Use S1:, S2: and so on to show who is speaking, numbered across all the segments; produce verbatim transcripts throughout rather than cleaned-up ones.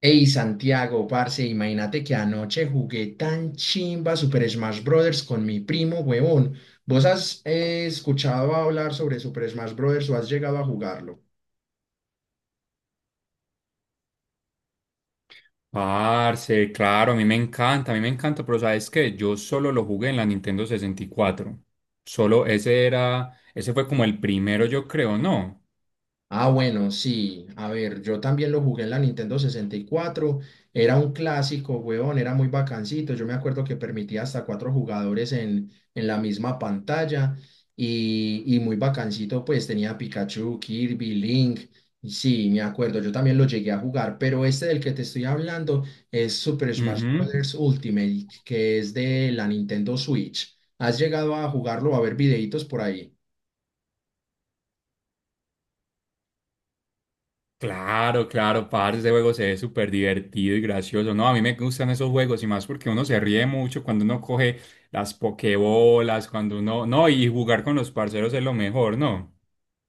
S1: Ey, Santiago, parce, imagínate que anoche jugué tan chimba Super Smash Brothers con mi primo, huevón. ¿Vos has eh, escuchado hablar sobre Super Smash Brothers o has llegado a jugarlo?
S2: Parce, claro, a mí me encanta, a mí me encanta, pero ¿sabes qué? Yo solo lo jugué en la Nintendo sesenta y cuatro. Solo ese era, ese fue como el primero, yo creo, ¿no?
S1: Ah, bueno, sí. A ver, yo también lo jugué en la Nintendo sesenta y cuatro. Era un clásico, weón, era muy bacancito. Yo me acuerdo que permitía hasta cuatro jugadores en, en la misma pantalla y, y muy bacancito, pues tenía Pikachu, Kirby, Link. y Sí, me acuerdo, yo también lo llegué a jugar, pero este del que te estoy hablando es Super Smash
S2: Ujú.
S1: Bros. Ultimate, que es de la Nintendo Switch. ¿Has llegado a jugarlo, a ver videitos por ahí?
S2: Claro, claro, parce, ese juego se ve súper divertido y gracioso. No, a mí me gustan esos juegos y más porque uno se ríe mucho cuando uno coge las pokebolas, cuando uno, no, y jugar con los parceros es lo mejor, ¿no?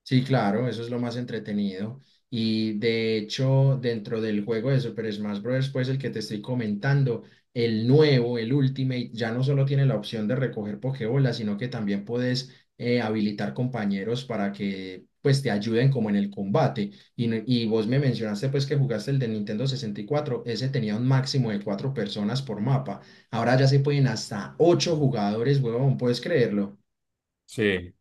S1: Sí, claro, eso es lo más entretenido. Y de hecho, dentro del juego de Super Smash Bros., pues el que te estoy comentando, el nuevo, el Ultimate, ya no solo tiene la opción de recoger Pokébolas, sino que también puedes eh, habilitar compañeros para que pues te ayuden como en el combate. Y, no- y vos me mencionaste pues que jugaste el de Nintendo sesenta y cuatro, ese tenía un máximo de cuatro personas por mapa. Ahora ya se pueden hasta ocho jugadores, huevón, ¿puedes creerlo?
S2: Sí.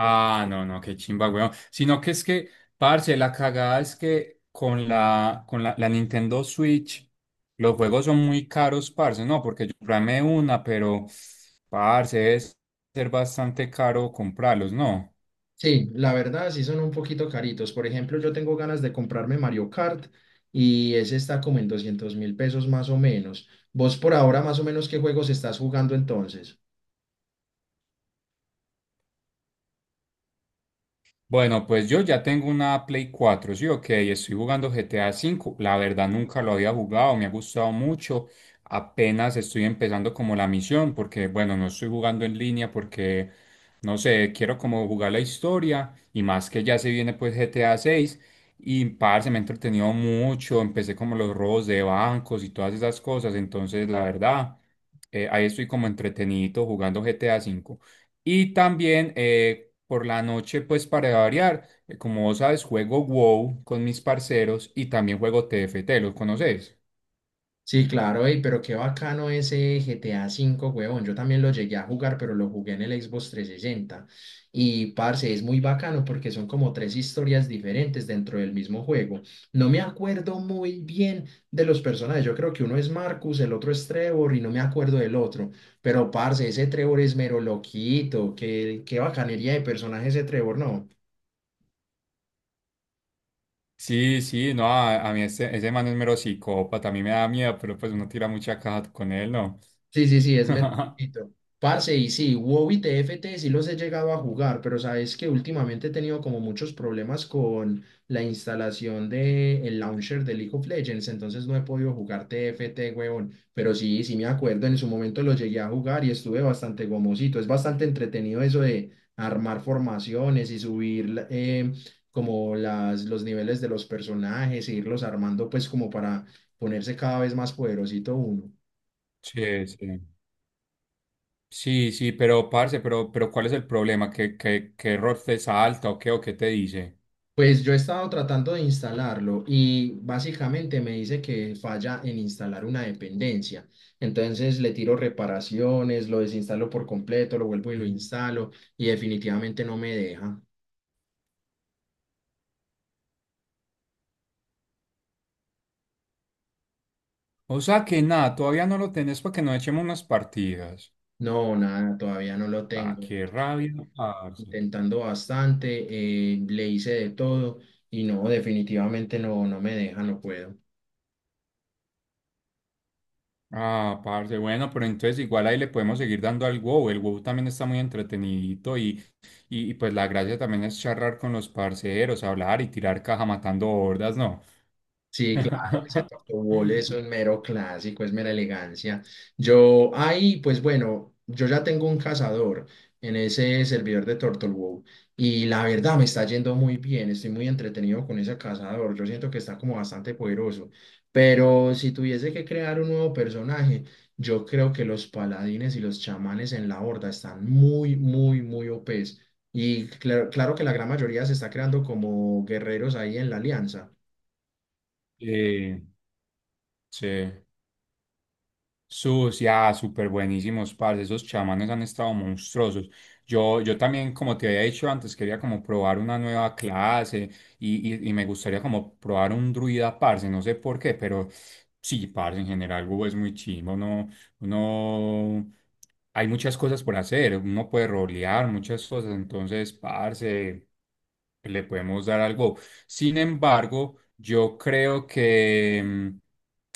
S2: Ah, no, no, qué chimba, weón. Sino que es que, parce, la cagada es que con la, con la, la Nintendo Switch, los juegos son muy caros, parce, no, porque yo programé una, pero, parce, es ser bastante caro comprarlos, ¿no?
S1: Sí, la verdad sí son un poquito caritos. Por ejemplo, yo tengo ganas de comprarme Mario Kart y ese está como en doscientos mil pesos más o menos. Vos por ahora más o menos qué juegos estás jugando entonces.
S2: Bueno, pues yo ya tengo una Play cuatro, sí, ok, estoy jugando GTA cinco. La verdad nunca lo había jugado, me ha gustado mucho. Apenas estoy empezando como la misión, porque bueno, no estoy jugando en línea porque, no sé, quiero como jugar la historia y más que ya se viene pues GTA seis. Y parce, me he entretenido mucho, empecé como los robos de bancos y todas esas cosas, entonces la verdad, eh, ahí estoy como entretenido jugando G T A V. Y también eh, por la noche, pues para variar, eh, como vos sabes, juego WoW con mis parceros y también juego T F T, ¿los conoces?
S1: Sí, claro, ey, pero qué bacano ese G T A V, huevón. Yo también lo llegué a jugar, pero lo jugué en el Xbox trescientos sesenta. Y, parce, es muy bacano porque son como tres historias diferentes dentro del mismo juego. No me acuerdo muy bien de los personajes. Yo creo que uno es Marcus, el otro es Trevor y no me acuerdo del otro. Pero, parce, ese Trevor es mero loquito. Qué, qué bacanería de personaje ese Trevor, ¿no?
S2: Sí, sí, no, a, a mí ese, ese man es mero psicópata, a mí me da miedo, pero pues uno tira mucha caja con él, ¿no?
S1: Sí, sí, sí, es metalcito. Parce, y sí, WoW y T F T sí los he llegado a jugar, pero sabes que últimamente he tenido como muchos problemas con la instalación del launcher de League of Legends, entonces no he podido jugar T F T, huevón. Pero sí, sí me acuerdo, en su momento lo llegué a jugar y estuve bastante gomosito. Es bastante entretenido eso de armar formaciones y subir la- eh, como las, los niveles de los personajes e irlos armando pues como para ponerse cada vez más poderosito uno.
S2: Sí, sí. Sí, sí, pero parce, pero, pero ¿cuál es el problema? ¿Qué, qué, qué error te salta o qué, o qué te dice?
S1: Pues yo he estado tratando de instalarlo y básicamente me dice que falla en instalar una dependencia. Entonces le tiro reparaciones, lo desinstalo por completo, lo vuelvo y lo
S2: Mm.
S1: instalo y definitivamente no me deja.
S2: O sea que nada, todavía no lo tenés para que nos echemos unas partidas.
S1: No, nada, todavía no lo
S2: Ah,
S1: tengo, de
S2: qué
S1: hecho.
S2: rabia, parce.
S1: Intentando bastante, eh, le hice de todo y no, definitivamente no, no me deja, no puedo.
S2: Ah, parce, bueno, pero entonces igual ahí le podemos seguir dando al WoW. El WoW también está muy entretenidito y, y, y pues la gracia también es charlar con los parceros, hablar y tirar caja matando hordas, ¿no?
S1: Sí, claro, ese tocobol es un mero clásico, es mera elegancia. Yo ahí, pues bueno, yo ya tengo un cazador en ese servidor de TurtleWow y la verdad me está yendo muy bien, estoy muy entretenido con ese cazador, yo siento que está como bastante poderoso, pero si tuviese que crear un nuevo personaje, yo creo que los paladines y los chamanes en la horda están muy, muy, muy O Ps, y claro, claro que la gran mayoría se está creando como guerreros ahí en la alianza.
S2: Eh, sí. Sus, ya, súper buenísimos, parce. Esos chamanes han estado monstruosos. Yo, yo también, como te había dicho antes, quería como probar una nueva clase y, y, y me gustaría como probar un druida, parce. No sé por qué, pero sí, parce, en general, Google es muy chimo, ¿no? Uno, hay muchas cosas por hacer, uno puede rolear muchas cosas, entonces, parce, le podemos dar algo. Sin embargo, yo creo que mm,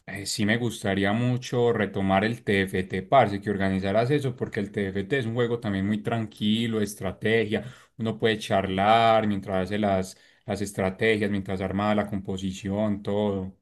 S2: eh, sí me gustaría mucho retomar el T F T, parce, que organizaras eso, porque el T F T es un juego también muy tranquilo, de estrategia, uno puede charlar mientras hace las, las estrategias, mientras arma la composición, todo.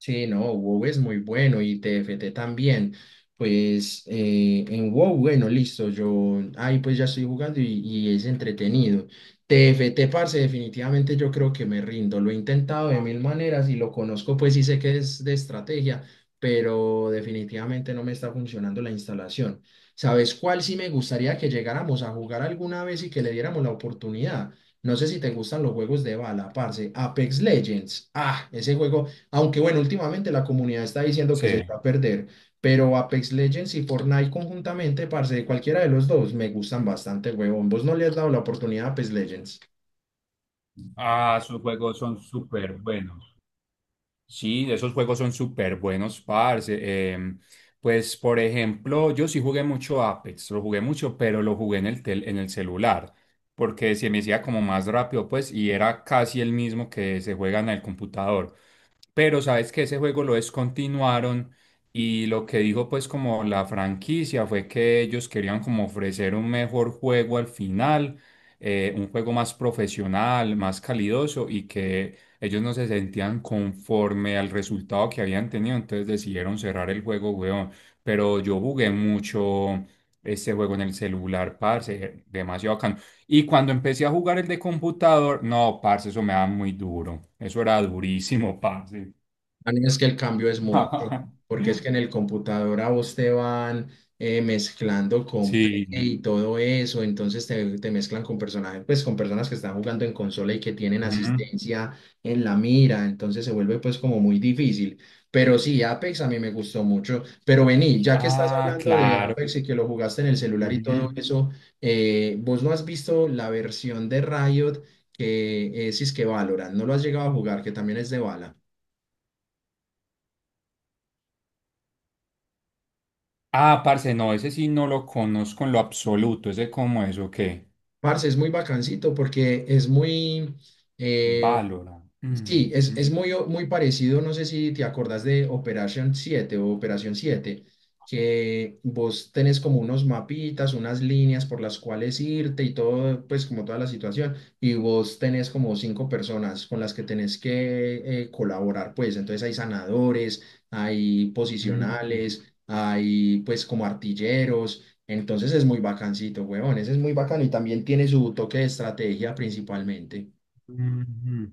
S1: Sí, no, WoW es muy bueno y T F T también. Pues eh, en WoW, bueno, listo, yo ahí pues ya estoy jugando y, y, es entretenido. T F T, parce, definitivamente yo creo que me rindo. Lo he intentado de mil maneras y lo conozco, pues sí sé que es de estrategia, pero definitivamente no me está funcionando la instalación. ¿Sabes cuál sí me gustaría que llegáramos a jugar alguna vez y que le diéramos la oportunidad? No sé si te gustan los juegos de bala, parce. Apex Legends. Ah, ese juego. Aunque bueno, últimamente la comunidad está diciendo que
S2: Sí.
S1: se va a perder, pero Apex Legends y Fortnite conjuntamente, parce, cualquiera de los dos, me gustan bastante, huevón. ¿Vos no le has dado la oportunidad a Apex Legends?
S2: Ah, sus juegos son súper buenos. Sí, esos juegos son súper buenos, parce. Em, pues, por ejemplo, yo sí jugué mucho Apex, lo jugué mucho, pero lo jugué en el tel- en el celular, porque se me hacía como más rápido, pues, y era casi el mismo que se juega en el computador. Pero sabes que ese juego lo descontinuaron y lo que dijo pues como la franquicia fue que ellos querían como ofrecer un mejor juego al final, eh, un juego más profesional, más calidoso y que ellos no se sentían conforme al resultado que habían tenido, entonces decidieron cerrar el juego, weón. Pero yo jugué mucho ese juego en el celular, parce, demasiado bacano. Y cuando empecé a jugar el de computador, no, parce, eso me daba muy duro. Eso era durísimo, parce.
S1: Dani, Es que el cambio es mucho, porque es que en el computador a vos te van eh, mezclando con Play
S2: Sí.
S1: y todo eso, entonces te, te mezclan con personajes, pues con personas que están jugando en consola y que tienen
S2: Ujú.
S1: asistencia en la mira, entonces se vuelve pues como muy difícil. Pero sí, Apex a mí me gustó mucho. Pero vení, ya que estás
S2: Ah,
S1: hablando de
S2: claro.
S1: Apex y que lo jugaste en el celular y todo
S2: Ujú.
S1: eso, eh, vos no has visto la versión de Riot que es, es que Valorant, no lo has llegado a jugar, que también es de bala.
S2: Ah, parce, no, ese sí no lo conozco en lo absoluto. Ese como eso, ¿qué?
S1: Parce, es muy bacancito porque es muy, Mm. eh,
S2: Valora.
S1: sí,
S2: Mm,
S1: es,
S2: mm,
S1: es muy, o- muy parecido, no sé si te acordás de Operation siete o Operación siete, que vos tenés como unos mapitas, unas líneas por las cuales irte y todo, pues como toda la situación, y vos tenés como cinco personas con las que tenés que eh, colaborar, pues entonces hay sanadores, hay
S2: mm,
S1: posicionales, hay pues como artilleros, entonces es muy bacancito, huevón, ese es muy bacano y también tiene su toque de estrategia principalmente.
S2: mm, mm. Mm.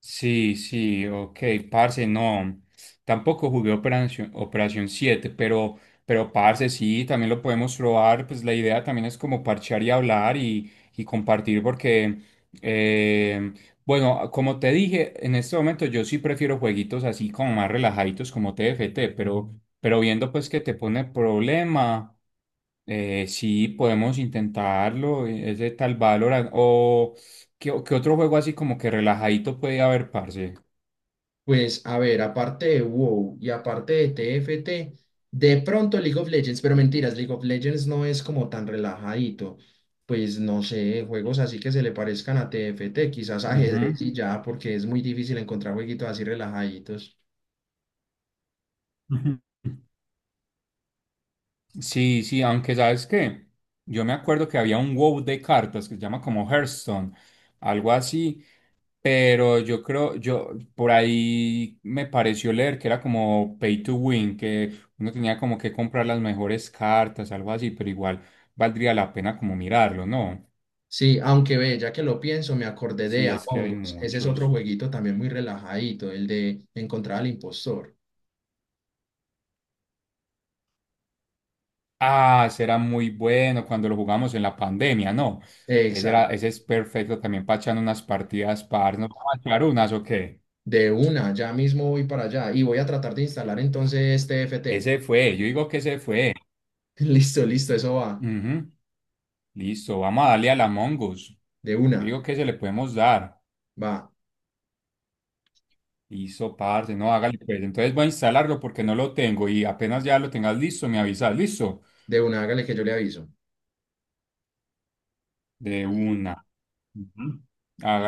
S2: Sí, sí, ok, parce, no, tampoco jugué Operación, Operación siete, pero, pero parce, sí, también lo podemos probar, pues la idea también es como parchar y hablar y, y compartir porque, eh, bueno, como te dije, en este momento yo sí prefiero jueguitos así como más relajaditos como T F T, pero, pero viendo pues que te pone problema. Eh, sí, podemos intentarlo, eh, ese tal Valorant, o qué, o- qué otro juego así como que relajadito puede haber, parce.
S1: Pues a ver, aparte de WoW y aparte de T F T, de pronto League of Legends, pero mentiras, League of Legends no es como tan relajadito. Pues no sé, juegos así que se le parezcan a T F T quizás
S2: Ujú.
S1: ajedrez y ya, porque es muy difícil encontrar jueguitos así relajaditos.
S2: Ujú. Sí, sí, aunque sabes qué, yo me acuerdo que había un WoW de cartas que se llama como Hearthstone, algo así, pero yo creo, yo por ahí me pareció leer que era como pay to win, que uno tenía como que comprar las mejores cartas, algo así, pero igual valdría la pena como mirarlo, ¿no?
S1: Sí, aunque ve, ya que lo pienso, me acordé de
S2: Sí, es que hay
S1: Among Us. Ese es otro
S2: muchos.
S1: jueguito también muy relajadito, el de encontrar al impostor.
S2: Ah, ese era muy bueno cuando lo jugamos en la pandemia, ¿no? Ese era,
S1: Exacto.
S2: ese es perfecto también para echar unas partidas par. ¿No vamos a echar unas o qué?
S1: De una, ya mismo voy para allá y voy a tratar de instalar entonces T F T.
S2: Ese fue, yo digo que ese fue.
S1: Listo, listo, eso va.
S2: Ujú. Listo, vamos a darle a la Mongoose.
S1: De
S2: Yo
S1: una,
S2: digo que se le podemos dar.
S1: va.
S2: Listo, parce, no, hágale pues. Entonces voy a instalarlo porque no lo tengo y apenas ya lo tengas listo, me avisas, listo.
S1: De una, hágale que yo le aviso.
S2: De una. Ujú. Hágale.